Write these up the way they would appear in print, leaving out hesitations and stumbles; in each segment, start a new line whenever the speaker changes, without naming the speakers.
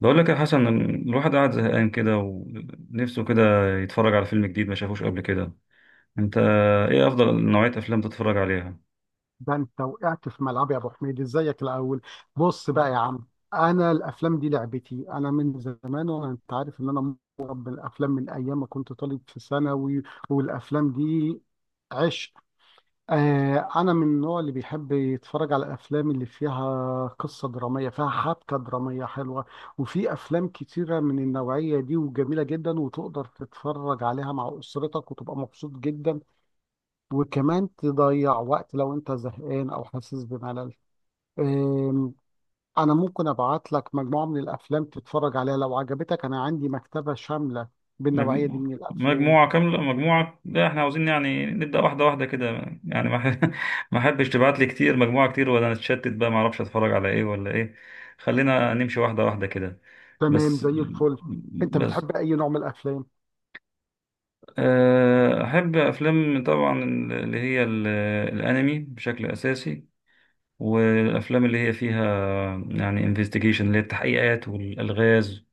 بقول لك يا حسن، الواحد قاعد زهقان كده ونفسه كده يتفرج على فيلم جديد ما شافوش قبل كده. انت ايه افضل نوعية افلام تتفرج عليها؟
ده انت وقعت في ملعب يا ابو حميد، ازيك الاول؟ بص بقى يا عم، انا الافلام دي لعبتي انا من زمان، وانا انت عارف ان انا مربي الافلام من ايام ما كنت طالب في ثانوي. والافلام دي عشق. آه، انا من النوع اللي بيحب يتفرج على الافلام اللي فيها قصه دراميه، فيها حبكه دراميه حلوه. وفي افلام كتيره من النوعيه دي وجميله جدا، وتقدر تتفرج عليها مع اسرتك وتبقى مبسوط جدا، وكمان تضيع وقت لو انت زهقان او حاسس بملل. أم، انا ممكن ابعت لك مجموعة من الافلام تتفرج عليها لو عجبتك، انا عندي مكتبة شاملة بالنوعية دي
مجموعة؟
من الافلام.
مجموعة كاملة؟ مجموعة؟ لا، احنا عاوزين يعني نبدأ واحدة واحدة كده. يعني ما ح- ما احبش تبعت لي كتير، مجموعة كتير ولا نتشتت بقى ما اعرفش اتفرج على ايه ولا ايه. خلينا نمشي واحدة واحدة كده.
تمام،
بس
زي الفل. انت
بس.
بتحب اي نوع من الافلام؟
احب افلام طبعا، اللي هي الانمي بشكل اساسي، والافلام اللي هي فيها يعني انفستيجيشن اللي هي التحقيقات والالغاز.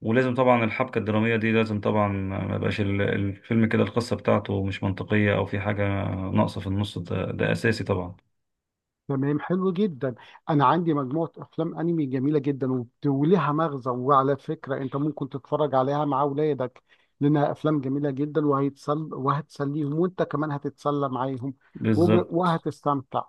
ولازم طبعا الحبكه الدراميه دي، لازم طبعا ما يبقاش الفيلم كده القصه بتاعته مش منطقيه او في حاجه ناقصه في النص ده، ده اساسي طبعا.
تمام، حلو جدا. انا عندي مجموعة افلام انمي جميلة جدا، وليها مغزى، وعلى فكرة انت ممكن تتفرج عليها مع اولادك، لانها افلام جميلة جدا، وهيتسل وهتسليهم، وانت كمان هتتسلى معاهم
بالظبط.
وهتستمتع.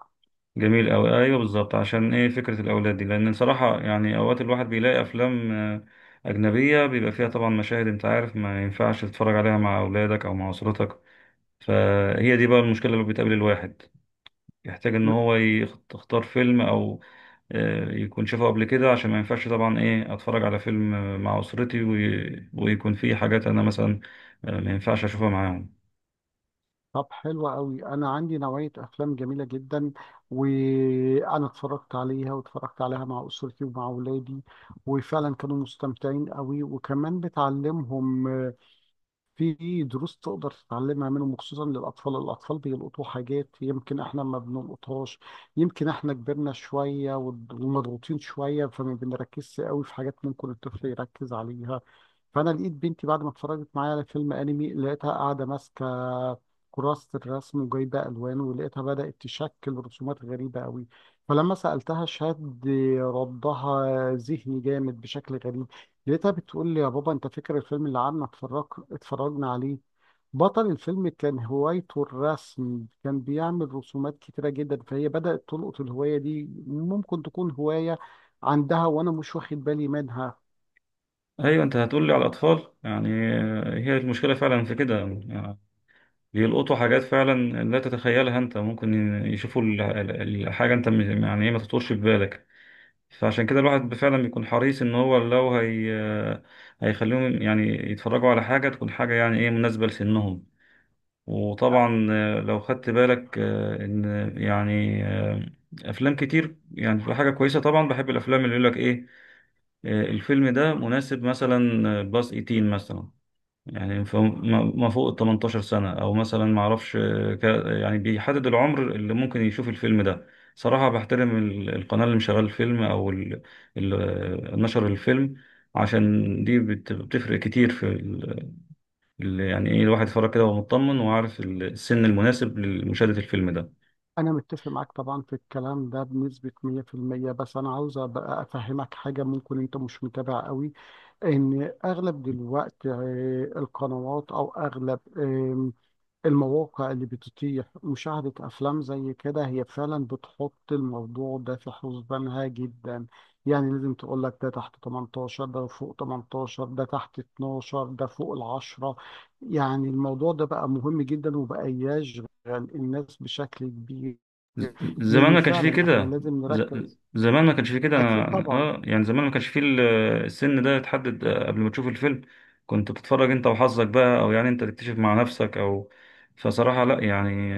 جميل أوي، ايوه بالظبط. عشان ايه فكره الاولاد دي؟ لان صراحه يعني اوقات الواحد بيلاقي افلام اجنبيه بيبقى فيها طبعا مشاهد، انت عارف، ما ينفعش تتفرج عليها مع اولادك او مع اسرتك. فهي دي بقى المشكله اللي بتقابل الواحد، يحتاج ان هو يختار فيلم او يكون شافه قبل كده، عشان ما ينفعش طبعا ايه اتفرج على فيلم مع اسرتي ويكون فيه حاجات انا مثلا ما ينفعش اشوفها معاهم.
طب حلو قوي، انا عندي نوعيه افلام جميله جدا، وانا اتفرجت عليها، واتفرجت عليها مع اسرتي ومع اولادي، وفعلا كانوا مستمتعين قوي، وكمان بتعلمهم. في دروس تقدر تتعلمها منهم خصوصا للأطفال. الأطفال بيلقطوا حاجات يمكن إحنا ما بنلقطهاش، يمكن إحنا كبرنا شوية ومضغوطين شوية، فما بنركزش قوي في حاجات ممكن الطفل يركز عليها. فأنا لقيت بنتي بعد ما اتفرجت معايا على فيلم أنمي، لقيتها قاعدة ماسكة كراسة الرسم وجايبة ألوان، ولقيتها بدأت تشكل رسومات غريبة قوي. فلما سألتها، شد ردها ذهني جامد بشكل غريب. لقيتها بتقول لي: يا بابا انت فاكر الفيلم اللي قعدنا اتفرجنا عليه؟ بطل الفيلم كان هوايته الرسم، كان بيعمل رسومات كتيرة جدا، فهي بدأت تلقط الهواية دي، ممكن تكون هواية عندها وأنا مش واخد بالي منها.
ايوه، انت هتقول لي على الاطفال يعني. هي المشكله فعلا في كده يعني، بيلقطوا حاجات فعلا لا تتخيلها، انت ممكن يشوفوا الحاجه، انت يعني ايه ما تخطرش في بالك. فعشان كده الواحد فعلا بيكون حريص ان هو لو هي هيخليهم يعني يتفرجوا على حاجه، تكون حاجه يعني ايه مناسبه لسنهم. وطبعا لو خدت بالك ان يعني افلام كتير يعني في حاجه كويسه، طبعا بحب الافلام اللي يقول لك ايه الفيلم ده مناسب مثلا باس 18 مثلا، يعني ما فوق ال 18 سنه، او مثلا ما اعرفش يعني بيحدد العمر اللي ممكن يشوف الفيلم ده. صراحه بحترم القناه اللي مشغله الفيلم او ال- نشر الفيلم. عشان دي بتفرق كتير في اللي يعني ايه الواحد يتفرج كده وهو مطمن وعارف السن المناسب لمشاهدة الفيلم ده.
أنا متفق معاك طبعا في الكلام ده بنسبة 100%، بس أنا عاوز أبقى أفهمك حاجة ممكن أنت مش متابع قوي. إن أغلب دلوقتي القنوات أو أغلب المواقع اللي بتتيح مشاهدة أفلام زي كده، هي فعلا بتحط الموضوع ده في حسبانها جدا. يعني لازم تقول لك ده تحت 18، ده فوق 18، ده تحت 12، ده فوق الـ10. يعني الموضوع ده بقى مهم جدا، وبقى يشغل الناس بشكل كبير.
ز- زمان
لأن
ما كانش فيه
فعلا احنا
كده.
لازم نركز.
زمان ما كانش فيه كده،
أكيد طبعا،
يعني زمان ما كانش فيه السن ده يتحدد قبل ما تشوف الفيلم، كنت بتتفرج انت وحظك بقى، او يعني انت تكتشف مع نفسك او. فصراحة لا يعني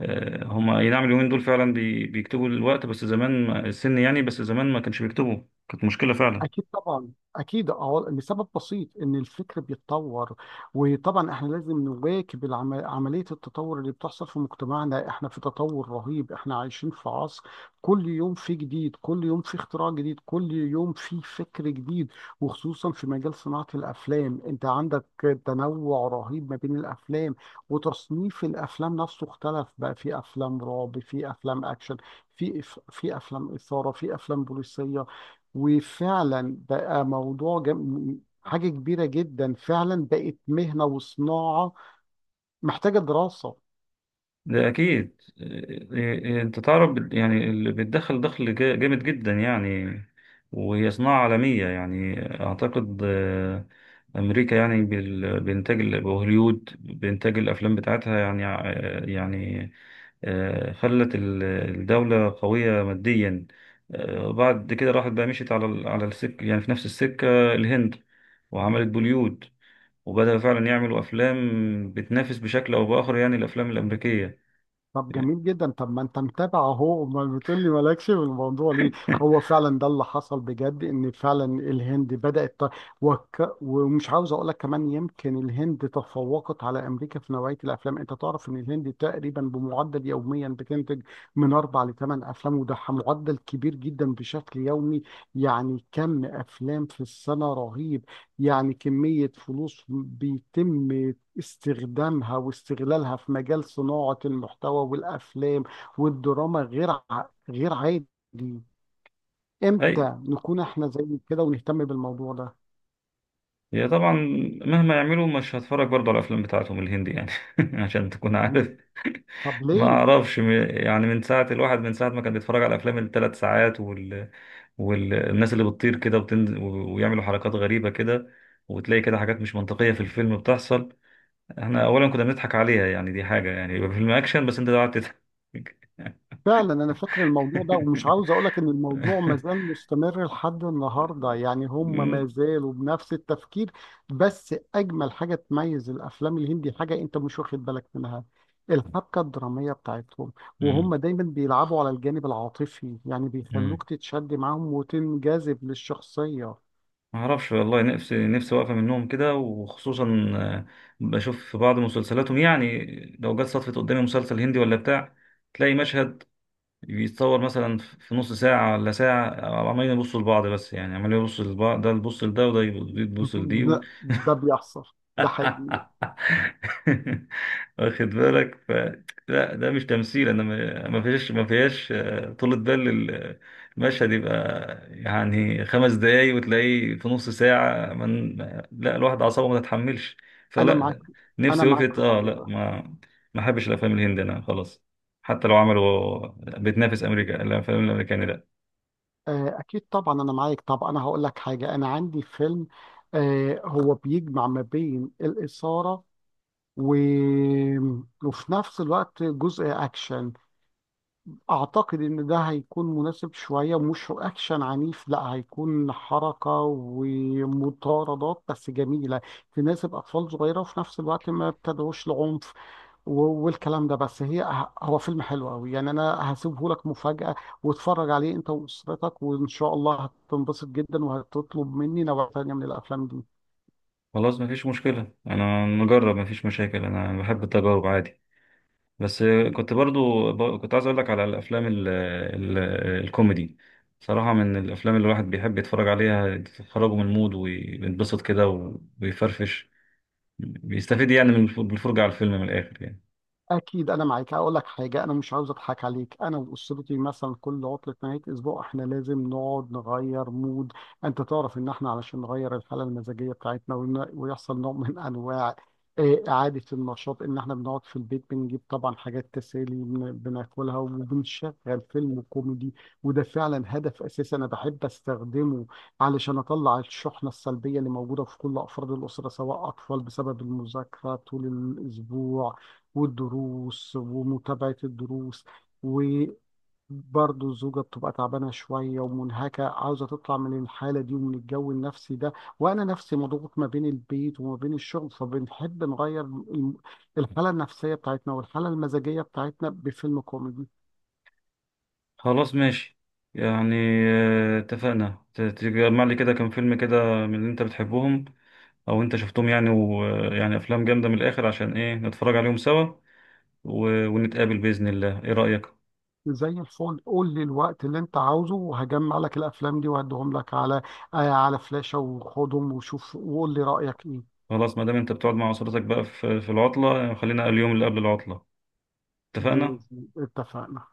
هما اي نعم اليومين دول فعلا بيكتبوا الوقت، بس زمان السن يعني، بس زمان ما كانش بيكتبوا، كانت مشكلة فعلا.
أكيد طبعا، أكيد، أه. لسبب بسيط إن الفكر بيتطور، وطبعا إحنا لازم نواكب عملية التطور اللي بتحصل في مجتمعنا. إحنا في تطور رهيب، إحنا عايشين في عصر كل يوم في جديد، كل يوم في اختراع جديد، كل يوم في فكر جديد. وخصوصا في مجال صناعة الأفلام، أنت عندك تنوع رهيب ما بين الأفلام، وتصنيف الأفلام نفسه اختلف. بقى في أفلام رعب، في أفلام أكشن، في في أفلام إثارة، في أفلام بوليسية. وفعلا بقى موضوع حاجة كبيرة جدا، فعلا بقت مهنة وصناعة محتاجة دراسة.
ده أكيد. إيه- إيه، أنت تعرف يعني اللي بتدخل دخل جامد جدا يعني. وهي صناعة عالمية، يعني أعتقد أمريكا يعني بإنتاج وهوليود بإنتاج الأفلام بتاعتها، يعني يعني خلت الدولة قوية ماديا. بعد كده راحت بقى مشيت على على السكة يعني، في نفس السكة الهند وعملت بوليود، وبدأوا فعلا يعملوا أفلام بتنافس بشكل أو بآخر يعني الأفلام الأمريكية.
طب جميل جدا. طب ما انت متابع اهو، امال بتقول لي مالكش في الموضوع ليه؟ هو فعلا ده اللي حصل بجد، ان فعلا الهند بدأت ومش عاوز اقول لك كمان يمكن الهند تفوقت على امريكا في نوعية الافلام. انت تعرف ان الهند تقريبا بمعدل يوميا بتنتج من اربع لثمان افلام، وده معدل كبير جدا بشكل يومي. يعني كم افلام في السنة، رهيب! يعني كمية فلوس بيتم استخدامها واستغلالها في مجال صناعة المحتوى والأفلام والدراما غير عادي.
اي،
امتى نكون احنا زي كده ونهتم بالموضوع ده؟
هي طبعا مهما يعملوا مش هتفرج برضه على الافلام بتاعتهم الهندي يعني. عشان تكون عارف.
طب
ما
ليه؟
اعرفش يعني من ساعه ما كان بيتفرج على افلام الـ 3 ساعات والناس اللي بتطير كده وبتنزل ويعملوا حركات غريبه كده، وتلاقي كده حاجات مش منطقيه في الفيلم بتحصل. احنا اولا كنا بنضحك عليها، يعني دي حاجه يعني يبقى فيلم اكشن بس انت قاعد تضحك.
فعلا انا فاكر الموضوع ده، ومش عاوز اقولك ان الموضوع ما زال مستمر لحد النهارده، يعني هم ما
مم.
زالوا بنفس التفكير. بس اجمل حاجه تميز الافلام الهندي، حاجه انت مش واخد بالك منها، الحبكه الدراميه بتاعتهم. وهم دايما بيلعبوا على الجانب العاطفي، يعني
مم.
بيخلوك تتشد معاهم وتنجذب للشخصيه.
ما اعرفش والله، نفسي واقفه منهم كده، وخصوصا آه، بشوف في بعض مسلسلاتهم يعني، لو جت صدفه قدامي مسلسل هندي ولا بتاع، تلاقي مشهد بيتصور مثلا في نص ساعه ولا ساعه، عمالين يبصوا لبعض، بس يعني عمالين يبصوا لبعض، ده يبص لده وده يبص لدي.
لا، ده بيحصل، ده حقيقي.
واخد بالك. لا، ده مش تمثيل، انا ما فيهاش طولة بال، المشهد يبقى يعني 5 دقايق وتلاقيه في نص ساعة. لا، الواحد أعصابه ما تتحملش.
انا معاك،
فلا،
انا
نفسي
معاك
وقفت،
في الموضوع
لا،
ده.
ما احبش الافلام الهندي انا خلاص. حتى لو عملوا بتنافس امريكا، الافلام الامريكاني لا.
أكيد طبعا، أنا معاك. طب أنا هقول لك حاجة، أنا عندي فيلم هو بيجمع ما بين الإثارة و... وفي نفس الوقت جزء أكشن. أعتقد إن ده هيكون مناسب شوية، مش أكشن عنيف، لا، هيكون حركة ومطاردات بس جميلة، تناسب أطفال صغيرة، وفي نفس الوقت ما بتدعوش لعنف. والكلام ده، بس هي هو فيلم حلو قوي يعني، انا هسيبه لك مفاجأة، واتفرج عليه انت واسرتك، وان شاء الله هتنبسط جدا وهتطلب مني نوع تانية من الافلام دي.
خلاص ما فيش مشكلة، انا نجرب، ما فيش مشاكل، انا بحب التجارب عادي. بس، كنت برضو كنت عايز اقول لك على الافلام ال ال الكوميدي، صراحة من الافلام اللي الواحد بيحب يتفرج عليها، تخرجه من المود ويتبسط كده ويفرفش، بيستفيد يعني من بالفرجة على الفيلم من الاخر يعني.
اكيد انا معاك. اقول لك حاجه، انا مش عاوز اضحك عليك، انا واسرتي مثلا كل عطله نهايه اسبوع احنا لازم نقعد نغير مود. انت تعرف ان احنا علشان نغير الحاله المزاجيه بتاعتنا، ويحصل نوع من انواع اعاده النشاط، ان احنا بنقعد في البيت، بنجيب طبعا حاجات تسالي بناكلها، وبنشغل فيلم كوميدي. وده فعلا هدف اساسي انا بحب استخدمه، علشان اطلع الشحنه السلبيه اللي موجوده في كل افراد الاسره، سواء اطفال بسبب المذاكره طول الاسبوع والدروس ومتابعة الدروس، وبرضه الزوجة بتبقى تعبانة شوية ومنهكة، عاوزة تطلع من الحالة دي ومن الجو النفسي ده، وأنا نفسي مضغوط ما بين البيت وما بين الشغل، فبنحب نغير الحالة النفسية بتاعتنا والحالة المزاجية بتاعتنا بفيلم كوميدي.
خلاص ماشي، يعني اتفقنا تجمع لي كده كام فيلم كده من اللي انت بتحبهم او انت شفتهم، يعني افلام جامدة من الاخر عشان ايه نتفرج عليهم سوا، ونتقابل بإذن الله، ايه رأيك؟
زي الفل. قول لي الوقت اللي انت عاوزه، وهجمع لك الافلام دي وهديهم لك على على فلاشة، وخدهم وشوف وقول لي رأيك ايه.
خلاص، ما دام انت بتقعد مع اسرتك بقى في العطله، خلينا اليوم اللي قبل العطله. اتفقنا.
بإذن، اتفقنا.